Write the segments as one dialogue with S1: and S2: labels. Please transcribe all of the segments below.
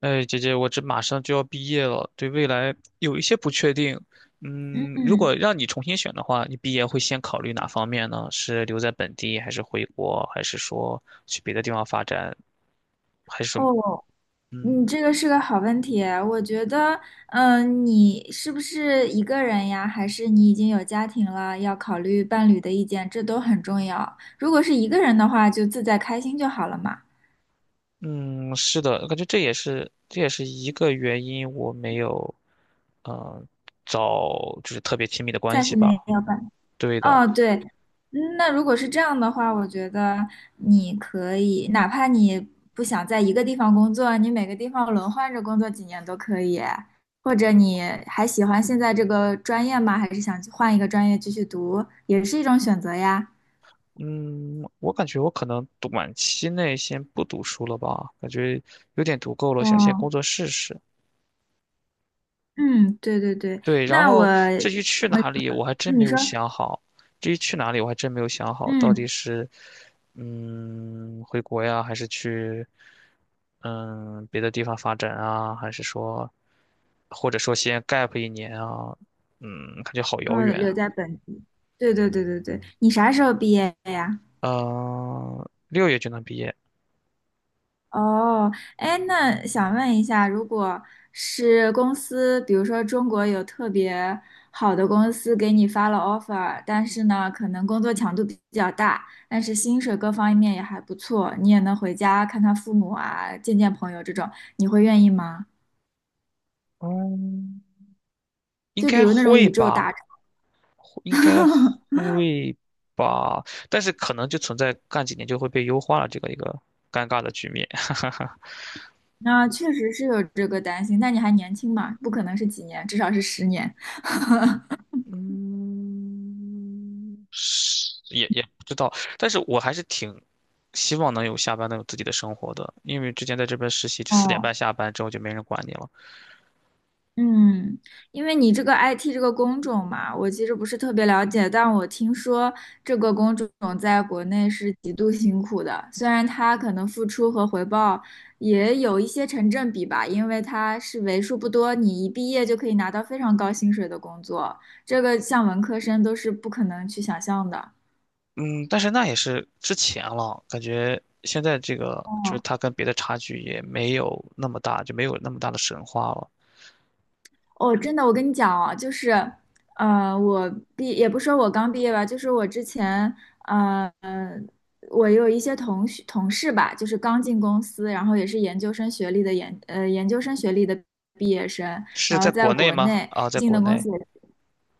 S1: 哎，姐姐，我这马上就要毕业了，对未来有一些不确定。嗯，如
S2: 嗯。
S1: 果让你重新选的话，你毕业会先考虑哪方面呢？是留在本地，还是回国，还是说去别的地方发展，还是说，
S2: 哦，你
S1: 嗯
S2: 这个是个好问题。我觉得，你是不是一个人呀？还是你已经有家庭了，要考虑伴侣的意见，这都很重要。如果是一个人的话，就自在开心就好了嘛，
S1: 嗯，是的，我感觉这也是一个原因，我没有，嗯、找就是特别亲密的关
S2: 暂
S1: 系
S2: 时没
S1: 吧。
S2: 有伴。
S1: 对的，
S2: 哦，对，那如果是这样的话，我觉得你可以，哪怕你不想在一个地方工作，你每个地方轮换着工作几年都可以。或者你还喜欢现在这个专业吗？还是想去换一个专业继续读，也是一种选择呀。
S1: 嗯，我感觉我可能短期内先不读书了吧，感觉有点读够了，想先工
S2: 哦，
S1: 作试试。
S2: 嗯，对对对，
S1: 对，然
S2: 那我
S1: 后至于去
S2: 我们
S1: 哪里，我还真没
S2: 你
S1: 有
S2: 说，
S1: 想好。至于去哪里，我还真没有想好，到底
S2: 嗯，
S1: 是回国呀，还是去别的地方发展啊，还是说或者说先 gap 一年啊？感觉好遥
S2: 哦，
S1: 远
S2: 留
S1: 啊。
S2: 在本地，对对对对对，你啥时候毕业呀？
S1: 嗯、六月就能毕业，
S2: 哦，哎，那想问一下，如果是公司，比如说中国有特别好的公司给你发了 offer,但是呢，可能工作强度比较大，但是薪水各方面也还不错，你也能回家看看父母啊，见见朋友这种，你会愿意吗？
S1: 嗯，应
S2: 就比
S1: 该
S2: 如那种
S1: 会
S2: 宇宙
S1: 吧。
S2: 大厂，
S1: 应该 会吧，但是可能就存在干几年就会被优化了这个一个尴尬的局面。
S2: 那确实是有这个担心，那你还年轻嘛，不可能是几年，至少是十年。
S1: 嗯，是也不知道，但是我还是挺希望能有下班能有自己的生活的，因为之前在这边实习，就四点半
S2: 哦，
S1: 下班之后就没人管你了。
S2: 嗯，因为你这个 IT 这个工种嘛，我其实不是特别了解，但我听说这个工种在国内是极度辛苦的，虽然它可能付出和回报也有一些成正比吧，因为它是为数不多你一毕业就可以拿到非常高薪水的工作，这个像文科生都是不可能去想象的。
S1: 嗯，但是那也是之前了，感觉现在这个就是
S2: 哦
S1: 它跟别的差距也没有那么大，就没有那么大的神话了。
S2: 哦，真的，我跟你讲哦，就是，我也不说我刚毕业吧，就是我之前，呃，我有一些同学同事吧，就是刚进公司，然后也是研究生学历的研究生学历的毕业生，
S1: 是
S2: 然
S1: 在
S2: 后在
S1: 国内
S2: 国
S1: 吗？
S2: 内
S1: 啊，在
S2: 进
S1: 国
S2: 的公
S1: 内。
S2: 司也，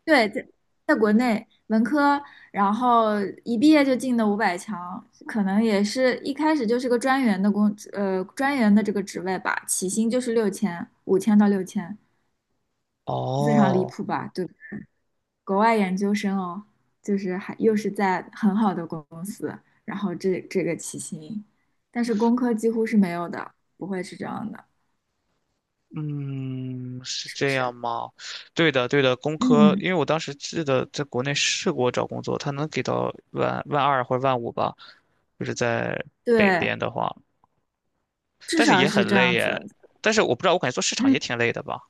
S2: 对，在国内文科，然后一毕业就进的500强，可能也是一开始就是个专员的专员的这个职位吧，起薪就是六千，5000到6000。非常离
S1: 哦，
S2: 谱吧？就国外研究生哦，就是还又是在很好的公司，然后这个起薪，但是工科几乎是没有的，不会是这样的，
S1: 嗯，是
S2: 是不
S1: 这样
S2: 是？
S1: 吗？对的，对的，工科，
S2: 嗯，
S1: 因为我当时记得在国内试过找工作，他能给到万二或者万五吧，就是在北
S2: 对，
S1: 边的话，
S2: 至
S1: 但是
S2: 少
S1: 也
S2: 是
S1: 很
S2: 这
S1: 累
S2: 样子。
S1: 耶。但是我不知道，我感觉做市场
S2: 嗯
S1: 也挺累的吧。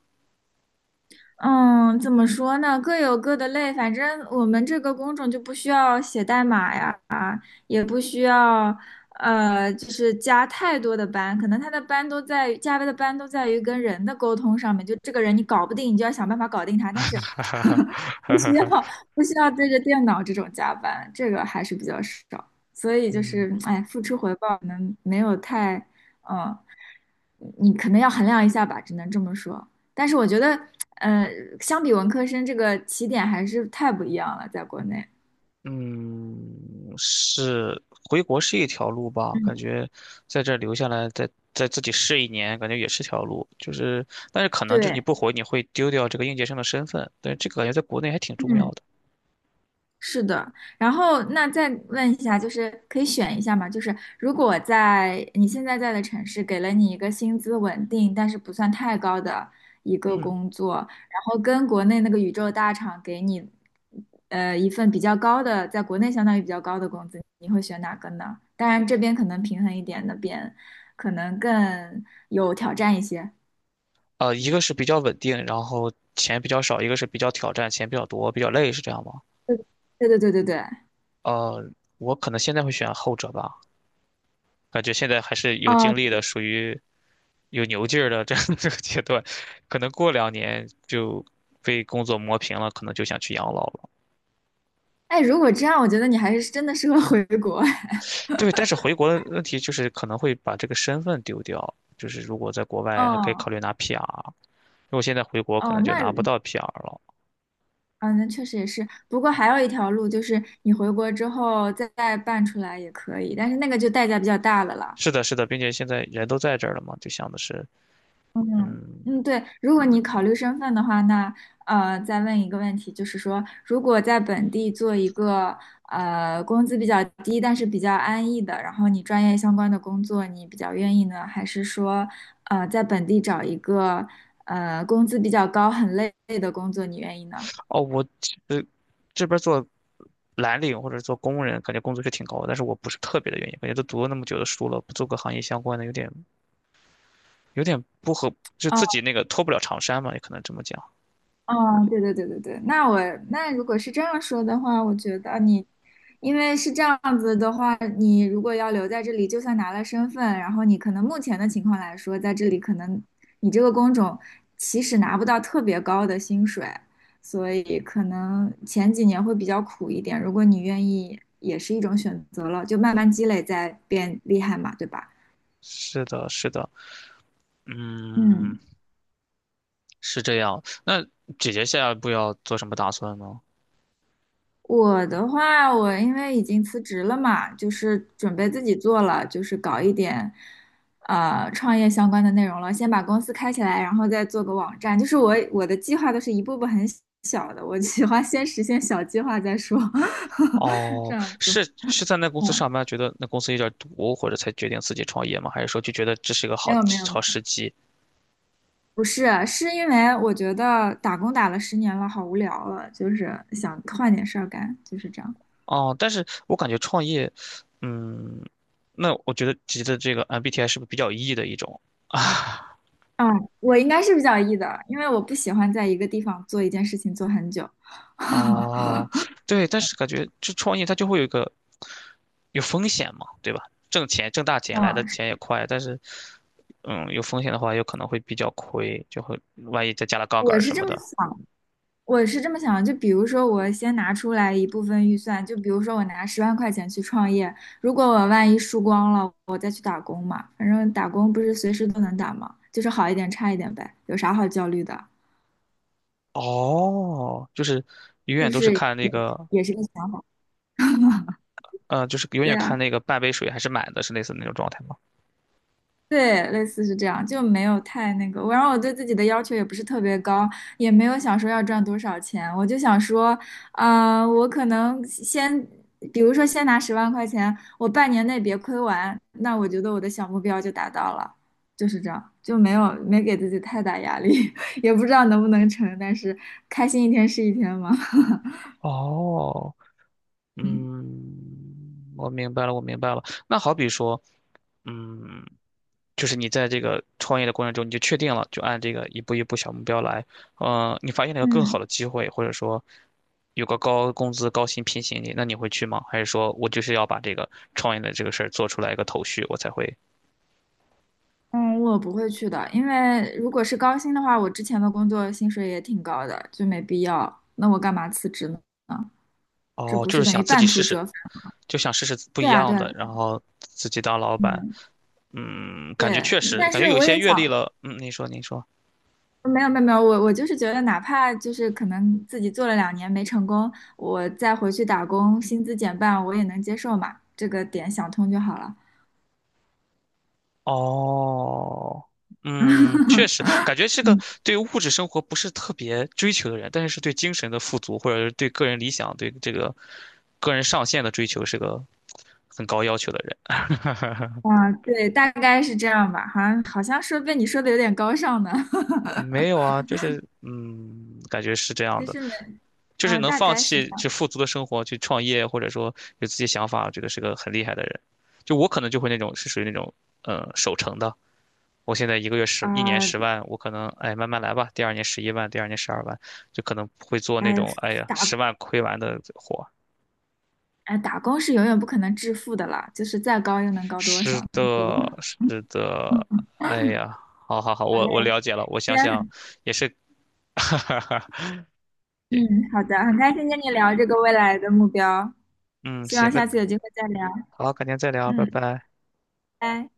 S2: 嗯，怎么说呢？各有各的累，反正我们这个工种就不需要写代码呀。也不需要就是加太多的班，可能他的班都在于加班的班都在于跟人的沟通上面，就这个人你搞不定，你就要想办法搞定他，但是不需要不需要对着电脑这种加班，这个还是比较少，所以 就
S1: 嗯。
S2: 是哎，付出回报可能没有太嗯。你可能要衡量一下吧，只能这么说。但是我觉得，呃，相比文科生，这个起点还是太不一样了，在国内。
S1: 嗯，是回国是一条路吧？感
S2: 嗯，
S1: 觉在这儿留下来，再自己试一年，感觉也是条路。就是，但是可能就是你
S2: 对，
S1: 不回，你会丢掉这个应届生的身份。但是这个感觉在国内还挺重
S2: 嗯。
S1: 要的。
S2: 是的，然后那再问一下，就是可以选一下吗？就是如果在你现在在的城市给了你一个薪资稳定，但是不算太高的一个
S1: 嗯
S2: 工作，然后跟国内那个宇宙大厂给你，一份比较高的，在国内相当于比较高的工资，你会选哪个呢？当然这边可能平衡一点，那边可能更有挑战一些。
S1: 一个是比较稳定，然后钱比较少；一个是比较挑战，钱比较多，比较累，是这样吗？
S2: 对对对对对对，
S1: 呃，我可能现在会选后者吧，感觉现在还是有
S2: 哦，
S1: 精力的，属于有牛劲儿的这样 这个阶段，可能过两年就被工作磨平了，可能就想去养老了。
S2: 哎，如果这样，我觉得你还是真的适合回国。
S1: 对，但是回国的问题就是可能会把这个身份丢掉，就是如果在国外还可以考
S2: 哦。
S1: 虑拿 PR，如果现在回国可
S2: 哦，
S1: 能就
S2: 那
S1: 拿不到 PR 了。
S2: 啊，那确实也是。不过还有一条路，就是你回国之后再办出来也可以，但是那个就代价比较大了啦。
S1: 是的，是的，并且现在人都在这儿了嘛，就想的是，
S2: 嗯
S1: 嗯，
S2: 嗯，对，如果你考虑身份的话，那再问一个问题，就是说，如果在本地做一个工资比较低，但是比较安逸的，然后你专业相关的工作，你比较愿意呢，还是说在本地找一个工资比较高、很累的工作，你愿意呢？
S1: 哦，我呃这边做蓝领或者做工人，感觉工资是挺高的，但是我不是特别的愿意，感觉都读了那么久的书了，不做个行业相关的有点不合，就
S2: 啊。
S1: 自己那个脱不了长衫嘛，也可能这么讲。
S2: 哦，对对对对对，那如果是这样说的话，我觉得你，因为是这样子的话，你如果要留在这里，就算拿了身份，然后你可能目前的情况来说，在这里可能你这个工种其实拿不到特别高的薪水，所以可能前几年会比较苦一点。如果你愿意，也是一种选择了，就慢慢积累再变厉害嘛，对吧？
S1: 是的，是的，嗯，
S2: 嗯。
S1: 是这样。那姐姐下一步要做什么打算呢？
S2: 我的话，我因为已经辞职了嘛，就是准备自己做了，就是搞一点，创业相关的内容了。先把公司开起来，然后再做个网站。就是我的计划都是一步步很小的，我喜欢先实现小计划再说，这
S1: 哦，
S2: 样子。
S1: 是在那公司
S2: 嗯，
S1: 上班，觉得那公司有点毒，或者才决定自己创业吗？还是说就觉得这是一个
S2: 没
S1: 好
S2: 有没有没
S1: 好
S2: 有，
S1: 时机？
S2: 不是，是因为我觉得打工打了十年了，好无聊了，就是想换点事儿干，就是这样。
S1: 哦，但是我感觉创业，嗯，那我觉得姐姐的这个 MBTI 是不是比较 E 的一种？
S2: 嗯，我应该是比较 E 的，因为我不喜欢在一个地方做一件事情做很久。
S1: 哦，对，但是感觉这创业它就会有一个有风险嘛，对吧？挣钱挣大钱来的
S2: 嗯，
S1: 钱也快，但是有风险的话有可能会比较亏，就会万一再加了杠杆
S2: 我
S1: 儿
S2: 是
S1: 什
S2: 这
S1: 么
S2: 么
S1: 的。
S2: 想，我是这么想的就比如说，我先拿出来一部分预算，就比如说我拿十万块钱去创业，如果我万一输光了，我再去打工嘛。反正打工不是随时都能打嘛，就是好一点差一点呗，有啥好焦虑的？
S1: 哦，就是永
S2: 是
S1: 远
S2: 不
S1: 都是
S2: 是
S1: 看那
S2: 也
S1: 个，
S2: 也是个想法？
S1: 就是永
S2: 对
S1: 远看
S2: 啊。
S1: 那个半杯水还是满的，是类似那种状态吗？
S2: 对，类似是这样，就没有太那个。然后我对自己的要求也不是特别高，也没有想说要赚多少钱，我就想说，啊、我可能先，比如说先拿十万块钱，我半年内别亏完，那我觉得我的小目标就达到了，就是这样，就没有没给自己太大压力，也不知道能不能成，但是开心一天是一天嘛。
S1: 哦，我明白了，我明白了。那好比说，嗯，就是你在这个创业的过程中，你就确定了，就按这个一步一步小目标来。你发现了一个更
S2: 嗯。
S1: 好的机会，或者说有个高工资、高薪聘请你，那你会去吗？还是说我就是要把这个创业的这个事儿做出来一个头绪，我才会？
S2: 嗯，我不会去的，因为如果是高薪的话，我之前的工作薪水也挺高的，就没必要。那我干嘛辞职呢？这
S1: 哦，
S2: 不
S1: 就
S2: 是
S1: 是
S2: 等
S1: 想
S2: 于
S1: 自己
S2: 半
S1: 试
S2: 途
S1: 试，
S2: 折返？
S1: 就想试试不一
S2: 对啊，
S1: 样
S2: 对啊，
S1: 的，然后自己当老板。
S2: 嗯，
S1: 感觉
S2: 对。
S1: 确实，
S2: 但
S1: 感觉
S2: 是
S1: 有一
S2: 我
S1: 些
S2: 也
S1: 阅历
S2: 想，
S1: 了。嗯，您说，您说。
S2: 没有没有没有，我就是觉得，哪怕就是可能自己做了2年没成功，我再回去打工，薪资减半，我也能接受嘛。这个点想通就好了。
S1: 哦，确 实，感觉是个
S2: 嗯
S1: 对物质生活不是特别追求的人，但是是对精神的富足，或者是对个人理想、对这个个人上限的追求，是个很高要求的人。
S2: 啊，对，大概是这样吧。好像说被你说的有点高尚呢，
S1: 没有啊，就是感觉是这 样
S2: 其
S1: 的，
S2: 实没，
S1: 就是
S2: 啊，
S1: 能
S2: 大
S1: 放
S2: 概是这
S1: 弃就
S2: 样
S1: 富足的生活去创业，或者说有自己想法，这个是个很厉害的人。就我可能就会那种是属于那种守成的。我现在一年
S2: 啊，
S1: 十万，我可能哎慢慢来吧，第二年11万，第二年12万，就可能会做那
S2: 哎，
S1: 种哎呀
S2: 打
S1: 十万亏完的活。
S2: 打工是永远不可能致富的啦，就是再高又能高多少
S1: 是
S2: 呢？
S1: 的，是
S2: 对吧？
S1: 的，
S2: 嗯
S1: 哎呀，好好好，
S2: 好
S1: 我
S2: 嘞，
S1: 了解了，我
S2: 今
S1: 想
S2: 天
S1: 想
S2: 很
S1: 也是，
S2: 嗯，好的，很开心跟你聊这个未来的目标，
S1: 嗯，
S2: 希望
S1: 行，那
S2: 下次有机会再聊。
S1: 好，改天再聊，拜
S2: 嗯，
S1: 拜。
S2: 拜。